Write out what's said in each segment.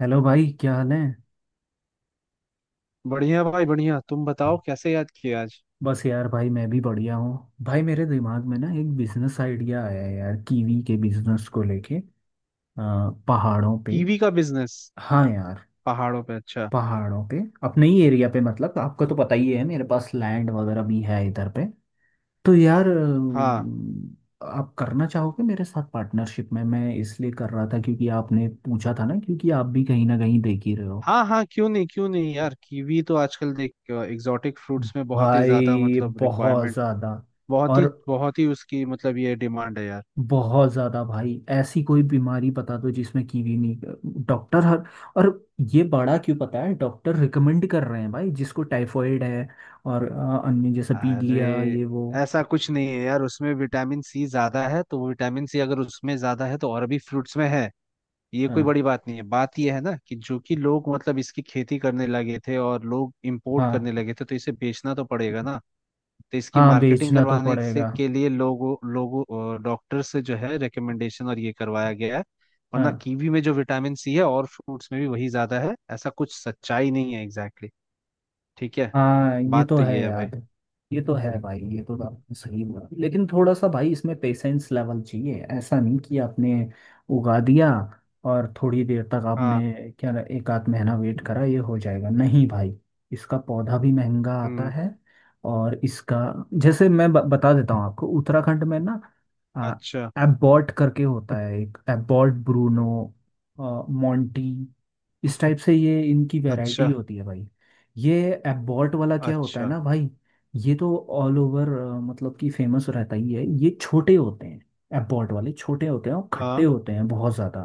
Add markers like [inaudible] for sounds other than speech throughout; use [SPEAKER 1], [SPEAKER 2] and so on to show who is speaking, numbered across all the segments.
[SPEAKER 1] Hello भाई, क्या हाल है।
[SPEAKER 2] बढ़िया भाई बढ़िया। तुम बताओ कैसे याद किया आज?
[SPEAKER 1] बस यार भाई, मैं भी बढ़िया हूँ। भाई मेरे दिमाग में ना एक बिजनेस आइडिया आया है यार, कीवी के बिजनेस को लेके पहाड़ों पे।
[SPEAKER 2] कीवी का बिजनेस?
[SPEAKER 1] हाँ यार,
[SPEAKER 2] पहाड़ों पे? अच्छा।
[SPEAKER 1] पहाड़ों पे। अपने ही एरिया पे, मतलब आपको तो पता ही है मेरे पास लैंड वगैरह भी है इधर पे। तो यार
[SPEAKER 2] हाँ
[SPEAKER 1] आप करना चाहोगे मेरे साथ पार्टनरशिप में। मैं इसलिए कर रहा था क्योंकि आपने पूछा था ना, क्योंकि आप भी कहीं ना कहीं देख ही रहे हो।
[SPEAKER 2] हाँ, हाँ क्यों नहीं, क्यों नहीं यार। कीवी तो आजकल देख एग्जॉटिक फ्रूट्स में बहुत ही ज्यादा
[SPEAKER 1] भाई
[SPEAKER 2] मतलब
[SPEAKER 1] बहुत
[SPEAKER 2] रिक्वायरमेंट।
[SPEAKER 1] ज्यादा। और
[SPEAKER 2] बहुत ही उसकी मतलब ये डिमांड है यार।
[SPEAKER 1] बहुत ज्यादा भाई, ऐसी कोई बीमारी बता दो जिसमें कीवी नहीं। डॉक्टर हर। और ये बड़ा क्यों पता है, डॉक्टर रिकमेंड कर रहे हैं भाई। जिसको टाइफॉइड है और अन्य जैसे
[SPEAKER 2] अरे,
[SPEAKER 1] पीलिया ये वो।
[SPEAKER 2] ऐसा कुछ नहीं है यार। उसमें विटामिन सी ज्यादा है तो वो विटामिन सी अगर उसमें ज्यादा है तो और भी फ्रूट्स में है। ये कोई
[SPEAKER 1] हाँ,
[SPEAKER 2] बड़ी बात नहीं है। बात ये है ना कि जो कि लोग मतलब इसकी खेती करने लगे थे और लोग इंपोर्ट करने
[SPEAKER 1] हाँ।
[SPEAKER 2] लगे थे तो इसे बेचना तो पड़ेगा ना। तो इसकी
[SPEAKER 1] हाँ,
[SPEAKER 2] मार्केटिंग
[SPEAKER 1] बेचना तो
[SPEAKER 2] करवाने से
[SPEAKER 1] पड़ेगा।
[SPEAKER 2] के लिए लोगों लोगों डॉक्टर से जो है रिकमेंडेशन और ये करवाया गया है। वरना
[SPEAKER 1] हाँ।
[SPEAKER 2] कीवी में जो विटामिन सी है और फ्रूट्स में भी वही ज्यादा है, ऐसा कुछ सच्चाई नहीं है। Exactly exactly। ठीक है।
[SPEAKER 1] हाँ, ये
[SPEAKER 2] बात
[SPEAKER 1] तो
[SPEAKER 2] तो
[SPEAKER 1] है
[SPEAKER 2] ये है भाई।
[SPEAKER 1] यार। ये तो है भाई, ये तो आपने सही बोला। लेकिन थोड़ा सा भाई, इसमें पेशेंस लेवल चाहिए। ऐसा नहीं कि आपने उगा दिया और थोड़ी देर तक
[SPEAKER 2] हाँ।
[SPEAKER 1] आपने क्या एक आध महीना वेट करा ये हो जाएगा, नहीं भाई। इसका पौधा भी महंगा आता
[SPEAKER 2] हम्म।
[SPEAKER 1] है। और इसका जैसे मैं बता देता हूँ आपको। उत्तराखंड में ना आ,
[SPEAKER 2] अच्छा,
[SPEAKER 1] एबॉट करके होता है एक, एबॉट, ब्रूनो, अ, मोंटी। इस टाइप से ये इनकी वैरायटी
[SPEAKER 2] अच्छा,
[SPEAKER 1] होती है भाई। ये एबॉट वाला क्या होता है
[SPEAKER 2] अच्छा।
[SPEAKER 1] ना भाई, ये तो ऑल ओवर मतलब कि फेमस रहता ही है। ये छोटे होते हैं, एबॉट वाले छोटे होते हैं और खट्टे
[SPEAKER 2] हाँ।
[SPEAKER 1] होते हैं बहुत ज़्यादा।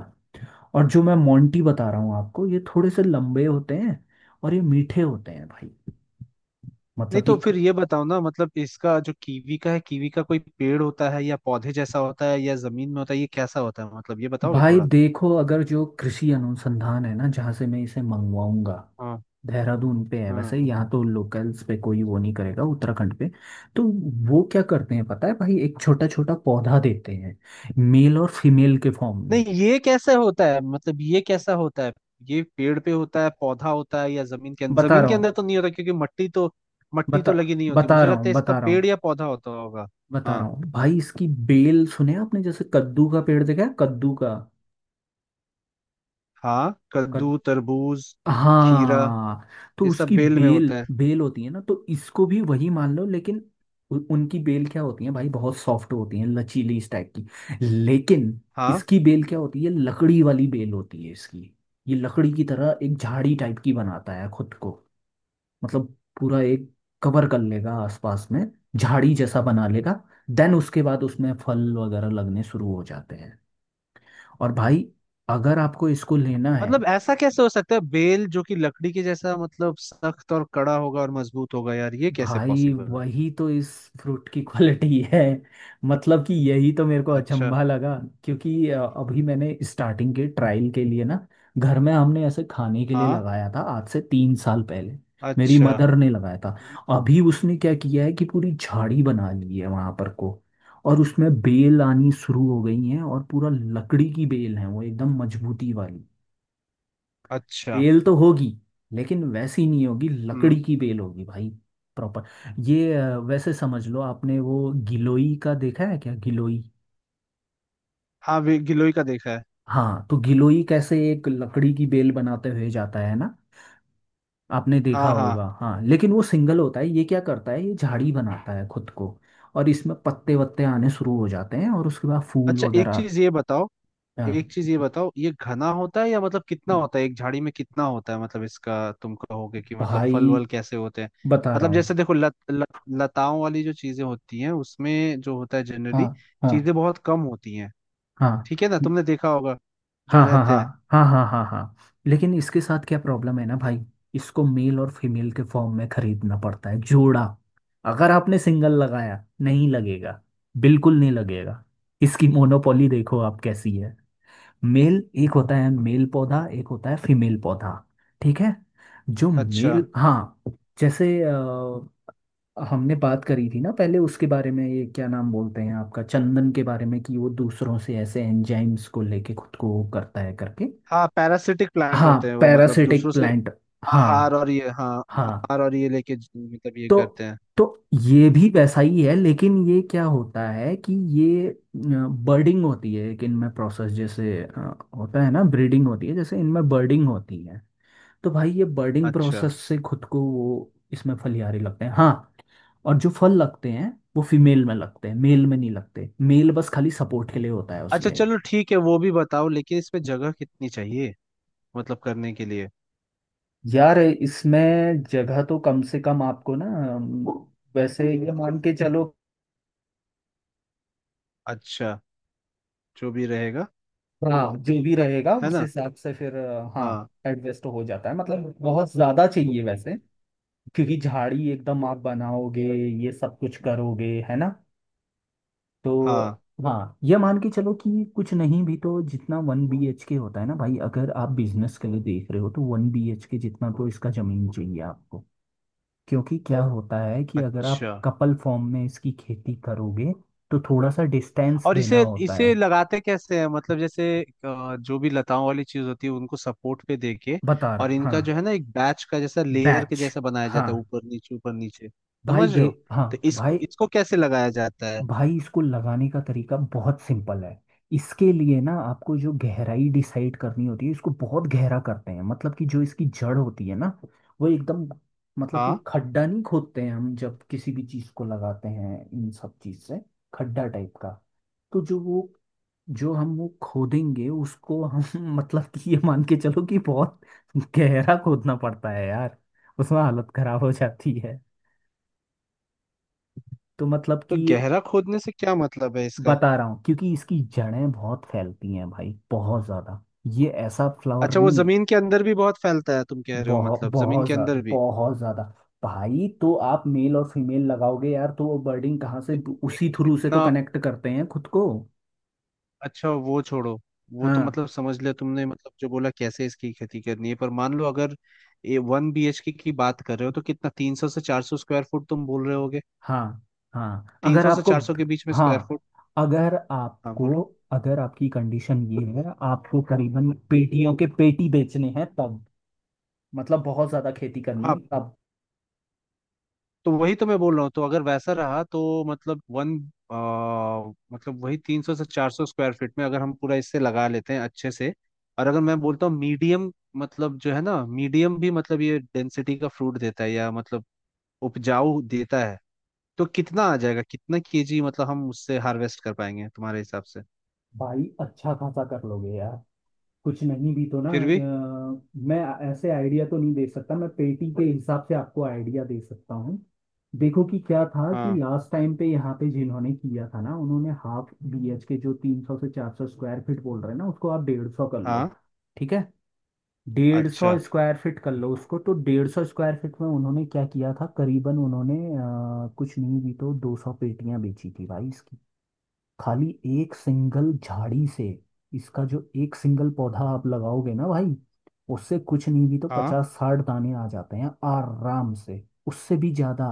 [SPEAKER 1] और जो मैं मोंटी बता रहा हूँ आपको, ये थोड़े से लंबे होते हैं और ये मीठे होते हैं भाई।
[SPEAKER 2] नहीं
[SPEAKER 1] मतलब
[SPEAKER 2] तो
[SPEAKER 1] कि
[SPEAKER 2] फिर ये बताओ ना, मतलब इसका जो कीवी का है, कीवी का कोई पेड़ होता है या पौधे जैसा होता है या जमीन में होता है, ये कैसा होता है? मतलब ये बताओगे
[SPEAKER 1] भाई
[SPEAKER 2] थोड़ा।
[SPEAKER 1] देखो, अगर जो कृषि अनुसंधान है ना जहाँ से मैं इसे मंगवाऊंगा,
[SPEAKER 2] हाँ,
[SPEAKER 1] देहरादून पे है। वैसे
[SPEAKER 2] हाँ।
[SPEAKER 1] यहाँ तो लोकल्स पे कोई वो नहीं करेगा उत्तराखंड पे। तो वो क्या करते हैं पता है भाई, एक छोटा छोटा पौधा देते हैं मेल और फीमेल के फॉर्म में।
[SPEAKER 2] नहीं, ये कैसे होता है? मतलब ये कैसा होता है? ये पेड़ पे होता है, पौधा होता है या जमीन के अंदर?
[SPEAKER 1] बता
[SPEAKER 2] जमीन
[SPEAKER 1] रहा
[SPEAKER 2] के
[SPEAKER 1] हूँ
[SPEAKER 2] अंदर तो नहीं होता क्योंकि मट्टी तो, मट्टी
[SPEAKER 1] बता
[SPEAKER 2] तो लगी नहीं होती।
[SPEAKER 1] बता
[SPEAKER 2] मुझे
[SPEAKER 1] रहा
[SPEAKER 2] लगता
[SPEAKER 1] हूँ
[SPEAKER 2] है इसका
[SPEAKER 1] बता रहा
[SPEAKER 2] पेड़
[SPEAKER 1] हूँ
[SPEAKER 2] या पौधा होता होगा।
[SPEAKER 1] बता रहा
[SPEAKER 2] हाँ।
[SPEAKER 1] हूँ भाई, इसकी बेल। सुने आपने जैसे कद्दू का पेड़ देखा है, कद्दू का
[SPEAKER 2] हाँ,
[SPEAKER 1] कद,
[SPEAKER 2] कद्दू, तरबूज, खीरा।
[SPEAKER 1] हाँ, तो
[SPEAKER 2] ये सब
[SPEAKER 1] उसकी
[SPEAKER 2] बेल में
[SPEAKER 1] बेल
[SPEAKER 2] होता है।
[SPEAKER 1] बेल होती है ना, तो इसको भी वही मान लो। लेकिन उनकी बेल क्या होती है भाई, बहुत सॉफ्ट होती है, लचीली इस टाइप की। लेकिन
[SPEAKER 2] हाँ।
[SPEAKER 1] इसकी बेल क्या होती है, लकड़ी वाली बेल होती है इसकी। ये लकड़ी की तरह एक झाड़ी टाइप की बनाता है खुद को। मतलब पूरा एक कवर कर लेगा आसपास में, झाड़ी जैसा बना लेगा। देन उसके बाद उसमें फल वगैरह लगने शुरू हो जाते हैं। और भाई, अगर आपको इसको लेना है,
[SPEAKER 2] मतलब ऐसा कैसे हो सकता है? बेल जो कि लकड़ी के जैसा मतलब सख्त और कड़ा होगा और मजबूत होगा, यार ये कैसे
[SPEAKER 1] भाई
[SPEAKER 2] पॉसिबल है?
[SPEAKER 1] वही तो इस फ्रूट की क्वालिटी [laughs] है। मतलब कि यही तो मेरे को
[SPEAKER 2] अच्छा।
[SPEAKER 1] अचंभा लगा। क्योंकि अभी मैंने स्टार्टिंग के ट्रायल के लिए ना घर में हमने ऐसे खाने के लिए
[SPEAKER 2] हाँ।
[SPEAKER 1] लगाया था आज से 3 साल पहले। मेरी
[SPEAKER 2] अच्छा।
[SPEAKER 1] मदर ने लगाया था। अभी उसने क्या किया है कि पूरी झाड़ी बना ली है वहां पर को, और उसमें बेल आनी शुरू हो गई है, और पूरा लकड़ी की बेल है वो, एकदम मजबूती वाली।
[SPEAKER 2] अच्छा।
[SPEAKER 1] बेल तो होगी लेकिन वैसी नहीं होगी, लकड़ी
[SPEAKER 2] हम्म।
[SPEAKER 1] की बेल होगी भाई, प्रॉपर। ये वैसे समझ लो, आपने वो गिलोई का देखा है क्या, गिलोई।
[SPEAKER 2] हाँ गिलोय का देखा है।
[SPEAKER 1] हाँ, तो गिलोई कैसे एक लकड़ी की बेल बनाते हुए जाता है ना, आपने देखा
[SPEAKER 2] हाँ,
[SPEAKER 1] होगा।
[SPEAKER 2] हाँ।
[SPEAKER 1] हाँ, लेकिन वो सिंगल होता है, ये क्या करता है ये झाड़ी बनाता है खुद को। और इसमें पत्ते वत्ते आने शुरू हो जाते हैं और उसके बाद फूल
[SPEAKER 2] अच्छा, एक
[SPEAKER 1] वगैरह।
[SPEAKER 2] चीज ये बताओ।
[SPEAKER 1] अ,
[SPEAKER 2] एक चीज ये बताओ, ये घना होता है या मतलब कितना होता है, एक झाड़ी में कितना होता है मतलब इसका? तुम कहोगे कि मतलब
[SPEAKER 1] भाई
[SPEAKER 2] फल वल कैसे होते हैं?
[SPEAKER 1] बता रहा
[SPEAKER 2] मतलब
[SPEAKER 1] हूँ।
[SPEAKER 2] जैसे देखो लत, लत, लताओं वाली जो चीजें होती हैं, उसमें जो होता है
[SPEAKER 1] हाँ,
[SPEAKER 2] जनरली
[SPEAKER 1] हाँ,
[SPEAKER 2] चीजें बहुत कम होती हैं।
[SPEAKER 1] हाँ,
[SPEAKER 2] ठीक है ना, तुमने देखा होगा जो
[SPEAKER 1] हाँ। हाँ,
[SPEAKER 2] रहते
[SPEAKER 1] हाँ,
[SPEAKER 2] हैं।
[SPEAKER 1] हाँ, हाँ, हाँ, हाँ। लेकिन इसके साथ क्या प्रॉब्लम है ना भाई, इसको मेल और फीमेल के फॉर्म में खरीदना पड़ता है, जोड़ा। अगर आपने सिंगल लगाया नहीं लगेगा, बिल्कुल नहीं लगेगा। इसकी मोनोपोली देखो आप कैसी है। मेल एक होता है, मेल पौधा, एक होता है फीमेल पौधा। ठीक है। जो
[SPEAKER 2] अच्छा।
[SPEAKER 1] मेल, हाँ। जैसे हमने बात करी थी ना पहले उसके बारे में, ये क्या नाम बोलते हैं आपका, चंदन के बारे में, कि वो दूसरों से ऐसे एंजाइम्स को लेके खुद को वो करता है करके।
[SPEAKER 2] हाँ, पैरासिटिक प्लांट
[SPEAKER 1] हाँ,
[SPEAKER 2] होते हैं वो मतलब
[SPEAKER 1] पैरासिटिक
[SPEAKER 2] दूसरों से
[SPEAKER 1] प्लांट। हाँ।
[SPEAKER 2] आहार और ये, हाँ,
[SPEAKER 1] हाँ।
[SPEAKER 2] आहार और ये लेके मतलब ये
[SPEAKER 1] तो
[SPEAKER 2] करते हैं।
[SPEAKER 1] तो ये भी वैसा ही है, लेकिन ये क्या होता है कि ये बर्डिंग होती है एक इनमें प्रोसेस जैसे होता है ना ब्रीडिंग होती है, जैसे इनमें बर्डिंग होती है। तो भाई ये बर्डिंग
[SPEAKER 2] अच्छा।
[SPEAKER 1] प्रोसेस से खुद को वो इसमें फलियारे लगते हैं, हाँ। और जो फल लगते हैं वो फीमेल में लगते हैं, मेल में नहीं लगते। मेल बस खाली सपोर्ट के लिए होता है
[SPEAKER 2] अच्छा
[SPEAKER 1] उसके।
[SPEAKER 2] चलो ठीक है, वो भी बताओ। लेकिन इसमें जगह कितनी चाहिए, मतलब करने के लिए?
[SPEAKER 1] यार, इसमें जगह तो कम से कम आपको ना अम, वैसे ये मान के चलो।
[SPEAKER 2] अच्छा। जो भी रहेगा।
[SPEAKER 1] हाँ, जो भी रहेगा
[SPEAKER 2] है
[SPEAKER 1] उस
[SPEAKER 2] ना?
[SPEAKER 1] हिसाब से फिर हाँ
[SPEAKER 2] हाँ।
[SPEAKER 1] एडजस्ट हो जाता है। मतलब बहुत ज्यादा चाहिए वैसे, क्योंकि झाड़ी एकदम आप बनाओगे, ये सब कुछ करोगे, है ना। तो
[SPEAKER 2] हाँ।
[SPEAKER 1] हाँ, ये मान के चलो कि कुछ नहीं भी तो जितना वन बी एच के होता है ना भाई, अगर आप बिजनेस के लिए देख रहे हो तो 1 BHK जितना तो इसका जमीन चाहिए आपको। क्योंकि क्या होता है कि अगर आप
[SPEAKER 2] अच्छा।
[SPEAKER 1] कपल फॉर्म में इसकी खेती करोगे तो थोड़ा सा डिस्टेंस
[SPEAKER 2] और
[SPEAKER 1] देना
[SPEAKER 2] इसे
[SPEAKER 1] होता है।
[SPEAKER 2] इसे लगाते कैसे हैं? मतलब जैसे जो भी लताओं वाली चीज होती है उनको सपोर्ट पे देके,
[SPEAKER 1] बता
[SPEAKER 2] और
[SPEAKER 1] रहा
[SPEAKER 2] इनका
[SPEAKER 1] हाँ।
[SPEAKER 2] जो है ना एक बैच का जैसा लेयर के
[SPEAKER 1] बैच,
[SPEAKER 2] जैसा बनाया
[SPEAKER 1] हाँ।
[SPEAKER 2] जाता है ऊपर नीचे ऊपर नीचे,
[SPEAKER 1] भाई
[SPEAKER 2] समझ
[SPEAKER 1] दे,
[SPEAKER 2] रहे हो?
[SPEAKER 1] हाँ
[SPEAKER 2] तो इसको
[SPEAKER 1] भाई।
[SPEAKER 2] इसको कैसे लगाया जाता है?
[SPEAKER 1] भाई इसको लगाने का तरीका बहुत सिंपल है। इसके लिए ना आपको जो गहराई डिसाइड करनी होती है, इसको बहुत गहरा करते हैं। मतलब कि जो इसकी जड़ होती है ना वो एकदम, मतलब कि
[SPEAKER 2] हाँ।
[SPEAKER 1] खड्डा नहीं खोदते हैं हम जब किसी भी चीज को लगाते हैं इन सब चीज से खड्डा टाइप का। तो जो वो जो हम वो खोदेंगे उसको हम [laughs] मतलब कि ये मान के चलो कि बहुत गहरा खोदना पड़ता है यार। उसमें हालत खराब हो जाती है। तो मतलब
[SPEAKER 2] तो
[SPEAKER 1] कि
[SPEAKER 2] गहरा खोदने से क्या मतलब है इसका?
[SPEAKER 1] बता रहा हूँ, क्योंकि इसकी जड़ें बहुत फैलती हैं भाई, बहुत ज्यादा। ये ऐसा फ्लावर
[SPEAKER 2] अच्छा, वो
[SPEAKER 1] नहीं है।
[SPEAKER 2] जमीन के अंदर भी बहुत फैलता है तुम कह रहे हो,
[SPEAKER 1] बहुत,
[SPEAKER 2] मतलब जमीन
[SPEAKER 1] बहुत
[SPEAKER 2] के
[SPEAKER 1] ज्यादा,
[SPEAKER 2] अंदर भी?
[SPEAKER 1] बहुत ज्यादा। भाई तो आप मेल और फीमेल लगाओगे यार, तो वो बर्डिंग कहाँ से,
[SPEAKER 2] तो एक
[SPEAKER 1] उसी थ्रू से तो
[SPEAKER 2] इतना।
[SPEAKER 1] कनेक्ट करते हैं खुद को।
[SPEAKER 2] अच्छा वो छोड़ो, वो तो
[SPEAKER 1] हाँ।
[SPEAKER 2] मतलब समझ लिया तुमने मतलब जो बोला कैसे इसकी खेती करनी है। पर मान लो अगर 1 BHK की बात कर रहे हो, तो कितना, 300 से 400 स्क्वायर फुट तुम बोल रहे होगे?
[SPEAKER 1] हाँ। हाँ,
[SPEAKER 2] तीन
[SPEAKER 1] अगर
[SPEAKER 2] सौ से
[SPEAKER 1] आपको,
[SPEAKER 2] चार सौ के बीच में स्क्वायर
[SPEAKER 1] हाँ,
[SPEAKER 2] फुट
[SPEAKER 1] अगर
[SPEAKER 2] हाँ,
[SPEAKER 1] आपको,
[SPEAKER 2] बोलो।
[SPEAKER 1] अगर आपकी कंडीशन ये है, आपको करीबन पेटियों के पेटी बेचने हैं, तब मतलब बहुत ज्यादा खेती करनी
[SPEAKER 2] हाँ,
[SPEAKER 1] है तब।
[SPEAKER 2] तो वही तो मैं बोल रहा हूँ। तो अगर वैसा रहा तो मतलब वन, आ, मतलब वही 300 से 400 स्क्वायर फीट में अगर हम पूरा इससे लगा लेते हैं अच्छे से, और अगर मैं बोलता हूँ मीडियम, मतलब जो है ना मीडियम भी मतलब ये डेंसिटी का फ्रूट देता है या मतलब उपजाऊ देता है, तो कितना आ जाएगा, कितना केजी मतलब हम उससे हार्वेस्ट कर पाएंगे तुम्हारे हिसाब से?
[SPEAKER 1] भाई अच्छा खासा कर लोगे यार। कुछ नहीं भी तो ना
[SPEAKER 2] फिर भी।
[SPEAKER 1] मैं ऐसे आइडिया तो नहीं दे सकता, मैं पेटी के हिसाब से आपको आइडिया दे सकता हूँ। देखो कि क्या था, कि
[SPEAKER 2] हाँ।
[SPEAKER 1] लास्ट टाइम पे यहाँ पे जिन्होंने किया था ना, उन्होंने half BHK जो 300 से 400 स्क्वायर फीट बोल रहे हैं ना, उसको आप 150 कर लो।
[SPEAKER 2] हाँ।
[SPEAKER 1] ठीक है, डेढ़ सौ
[SPEAKER 2] अच्छा।
[SPEAKER 1] स्क्वायर फीट कर लो उसको। तो 150 स्क्वायर फीट में उन्होंने क्या किया था करीबन, उन्होंने कुछ नहीं भी तो 200 पेटियां बेची थी भाई इसकी। खाली एक सिंगल झाड़ी से। इसका जो एक सिंगल पौधा आप लगाओगे ना भाई, उससे कुछ नहीं भी तो
[SPEAKER 2] हाँ,
[SPEAKER 1] 50-60 दाने आ जाते हैं आराम से। उससे भी ज्यादा,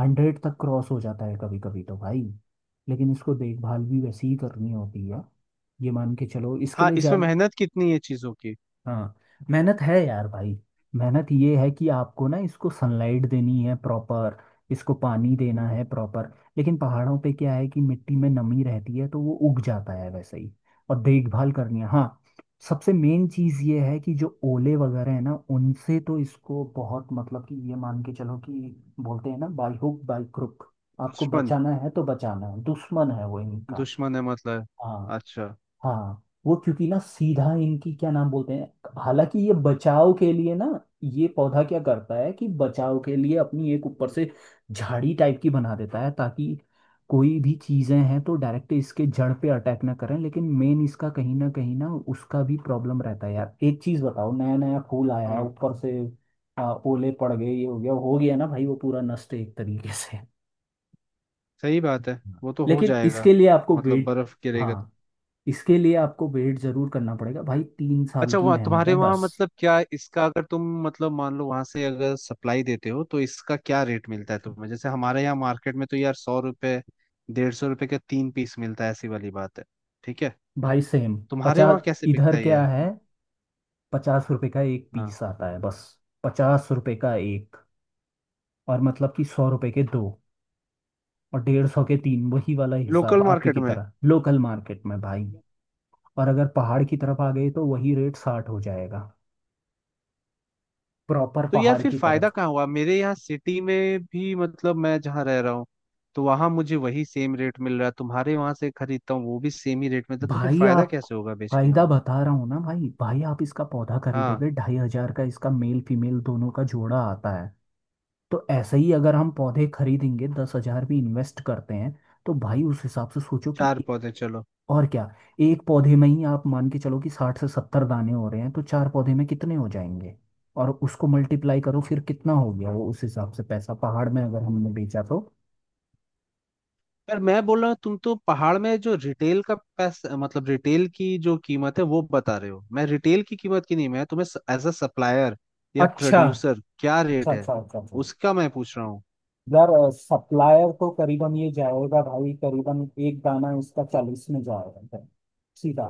[SPEAKER 1] 100 तक क्रॉस हो जाता है कभी कभी तो भाई। लेकिन इसको देखभाल भी वैसे ही करनी होती है, ये मान के चलो इसके
[SPEAKER 2] हाँ।
[SPEAKER 1] लिए
[SPEAKER 2] इसमें
[SPEAKER 1] ज्यादा।
[SPEAKER 2] मेहनत कितनी है चीजों की?
[SPEAKER 1] हाँ, मेहनत है यार भाई। मेहनत ये है कि आपको ना इसको सनलाइट देनी है प्रॉपर, इसको पानी देना
[SPEAKER 2] हम्म।
[SPEAKER 1] है प्रॉपर। लेकिन पहाड़ों पे क्या है कि मिट्टी में नमी रहती है तो वो उग जाता है वैसे ही। और देखभाल करनी है हाँ। सबसे मेन चीज़ ये है कि जो ओले वगैरह है ना, उनसे तो इसको बहुत, मतलब कि ये मान के चलो कि बोलते हैं ना बाई हुक बाई क्रुक, आपको
[SPEAKER 2] दुश्मन?
[SPEAKER 1] बचाना है तो बचाना है। दुश्मन है वो इनका।
[SPEAKER 2] दुश्मन है मतलब?
[SPEAKER 1] हाँ।
[SPEAKER 2] अच्छा।
[SPEAKER 1] हाँ, वो क्योंकि ना सीधा इनकी क्या नाम बोलते हैं, हालांकि ये बचाव के लिए ना, ये पौधा क्या करता है कि बचाव के लिए अपनी एक ऊपर
[SPEAKER 2] हम्म।
[SPEAKER 1] से झाड़ी टाइप की बना देता है ताकि कोई भी चीजें हैं तो डायरेक्ट इसके जड़ पे अटैक ना करें। लेकिन मेन इसका कहीं ना उसका भी प्रॉब्लम रहता है यार, एक चीज बताओ, नया नया फूल आया है
[SPEAKER 2] हाँ
[SPEAKER 1] ऊपर से ओले पड़ गए ये हो गया, हो गया ना भाई वो पूरा नष्ट है एक तरीके से।
[SPEAKER 2] सही बात है, वो तो हो
[SPEAKER 1] लेकिन
[SPEAKER 2] जाएगा।
[SPEAKER 1] इसके लिए आपको
[SPEAKER 2] मतलब
[SPEAKER 1] वेट,
[SPEAKER 2] बर्फ गिरेगा तो?
[SPEAKER 1] हाँ, इसके लिए आपको वेट जरूर करना पड़ेगा भाई। 3 साल
[SPEAKER 2] अच्छा,
[SPEAKER 1] की
[SPEAKER 2] वहाँ
[SPEAKER 1] मेहनत
[SPEAKER 2] तुम्हारे
[SPEAKER 1] है
[SPEAKER 2] वहाँ
[SPEAKER 1] बस।
[SPEAKER 2] मतलब क्या इसका, अगर तुम मतलब मान लो वहां से अगर सप्लाई देते हो तो इसका क्या रेट मिलता है तुम्हें? जैसे हमारे यहाँ मार्केट में तो यार 100 रुपये, 150 रुपये के तीन पीस मिलता है, ऐसी वाली बात है। ठीक है,
[SPEAKER 1] भाई सेम।
[SPEAKER 2] तुम्हारे
[SPEAKER 1] पचास।
[SPEAKER 2] वहां कैसे
[SPEAKER 1] इधर
[SPEAKER 2] बिकता है ये?
[SPEAKER 1] क्या है,
[SPEAKER 2] हाँ।
[SPEAKER 1] 50 रुपए का एक
[SPEAKER 2] हाँ।
[SPEAKER 1] पीस आता है बस। 50 रुपए का एक, और मतलब कि 100 रुपए के 2, और 150 के 3, वही वाला हिसाब
[SPEAKER 2] लोकल
[SPEAKER 1] आप ही
[SPEAKER 2] मार्केट
[SPEAKER 1] की
[SPEAKER 2] में?
[SPEAKER 1] तरह लोकल मार्केट में भाई। और अगर पहाड़ की तरफ आ गए तो वही रेट 60 हो जाएगा, प्रॉपर
[SPEAKER 2] तो यार
[SPEAKER 1] पहाड़
[SPEAKER 2] फिर
[SPEAKER 1] की
[SPEAKER 2] फायदा
[SPEAKER 1] तरफ।
[SPEAKER 2] कहाँ हुआ, मेरे यहाँ सिटी में भी मतलब मैं जहाँ रह रहा हूँ तो वहां मुझे वही सेम रेट मिल रहा है, तुम्हारे वहां से खरीदता हूँ वो भी सेम ही रेट में था, तो फिर
[SPEAKER 1] भाई
[SPEAKER 2] फायदा
[SPEAKER 1] आप,
[SPEAKER 2] कैसे होगा बेच के
[SPEAKER 1] फायदा
[SPEAKER 2] हमें?
[SPEAKER 1] बता रहा हूँ ना भाई। भाई आप इसका पौधा
[SPEAKER 2] हाँ।
[SPEAKER 1] खरीदोगे 2,500 का, इसका मेल फीमेल दोनों का जोड़ा आता है। तो ऐसे ही अगर हम पौधे खरीदेंगे, 10,000 भी इन्वेस्ट करते हैं तो भाई उस हिसाब से सोचो कि
[SPEAKER 2] चार
[SPEAKER 1] ए-।
[SPEAKER 2] पौधे चलो।
[SPEAKER 1] और क्या, एक पौधे में ही आप मान के चलो कि 60 से 70 दाने हो रहे हैं, तो चार पौधे में कितने हो जाएंगे। और उसको मल्टीप्लाई करो फिर, कितना हो गया वो, उस हिसाब से पैसा पहाड़ में अगर हमने बेचा तो।
[SPEAKER 2] पर मैं बोल रहा हूँ तुम तो पहाड़ में जो रिटेल का पैसा, मतलब रिटेल की जो कीमत है वो बता रहे हो, मैं रिटेल की कीमत की नहीं, मैं तुम्हें एज अ सप्लायर या
[SPEAKER 1] अच्छा,
[SPEAKER 2] प्रोड्यूसर
[SPEAKER 1] अच्छा,
[SPEAKER 2] क्या रेट है
[SPEAKER 1] अच्छा, अच्छा, अच्छा।
[SPEAKER 2] उसका मैं पूछ रहा हूँ।
[SPEAKER 1] यार, सप्लायर तो करीबन ये जाएगा भाई, करीबन एक दाना इसका 40 में जाएगा, सीधा।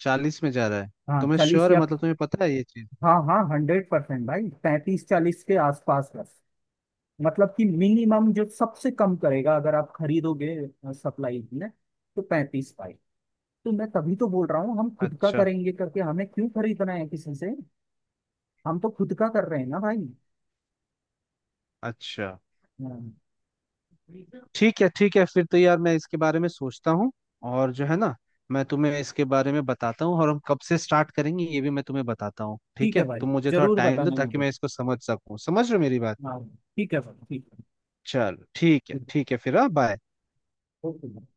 [SPEAKER 2] 40 में जा रहा है?
[SPEAKER 1] हाँ,
[SPEAKER 2] तुम्हें
[SPEAKER 1] 40
[SPEAKER 2] श्योर है,
[SPEAKER 1] या,
[SPEAKER 2] मतलब तुम्हें पता है ये चीज?
[SPEAKER 1] हाँ, हाँ, 100% भाई, 35-40 के आसपास बस। मतलब कि मिनिमम जो सबसे कम करेगा अगर आप खरीदोगे सप्लाई में, तो 35 भाई। तो मैं तभी तो बोल रहा हूँ हम खुद का
[SPEAKER 2] अच्छा।
[SPEAKER 1] करेंगे करके, हमें क्यों खरीदना है किसी से, हम तो खुद का कर रहे हैं ना भाई।
[SPEAKER 2] अच्छा।
[SPEAKER 1] हाँ।
[SPEAKER 2] ठीक है, ठीक है। फिर तो यार मैं इसके बारे में सोचता हूँ, और जो है ना, मैं तुम्हें इसके बारे में बताता हूँ और हम कब से स्टार्ट करेंगे ये भी मैं तुम्हें बताता हूँ। ठीक
[SPEAKER 1] ठीक है
[SPEAKER 2] है,
[SPEAKER 1] भाई,
[SPEAKER 2] तुम मुझे थोड़ा
[SPEAKER 1] जरूर
[SPEAKER 2] टाइम दो
[SPEAKER 1] बताना
[SPEAKER 2] ताकि
[SPEAKER 1] मुझे।
[SPEAKER 2] मैं इसको समझ सकूँ। समझ रहे हो मेरी बात?
[SPEAKER 1] हाँ, ठीक है भाई ठीक
[SPEAKER 2] चलो ठीक है,
[SPEAKER 1] है।
[SPEAKER 2] ठीक है फिर। हाँ, बाय।
[SPEAKER 1] ओके।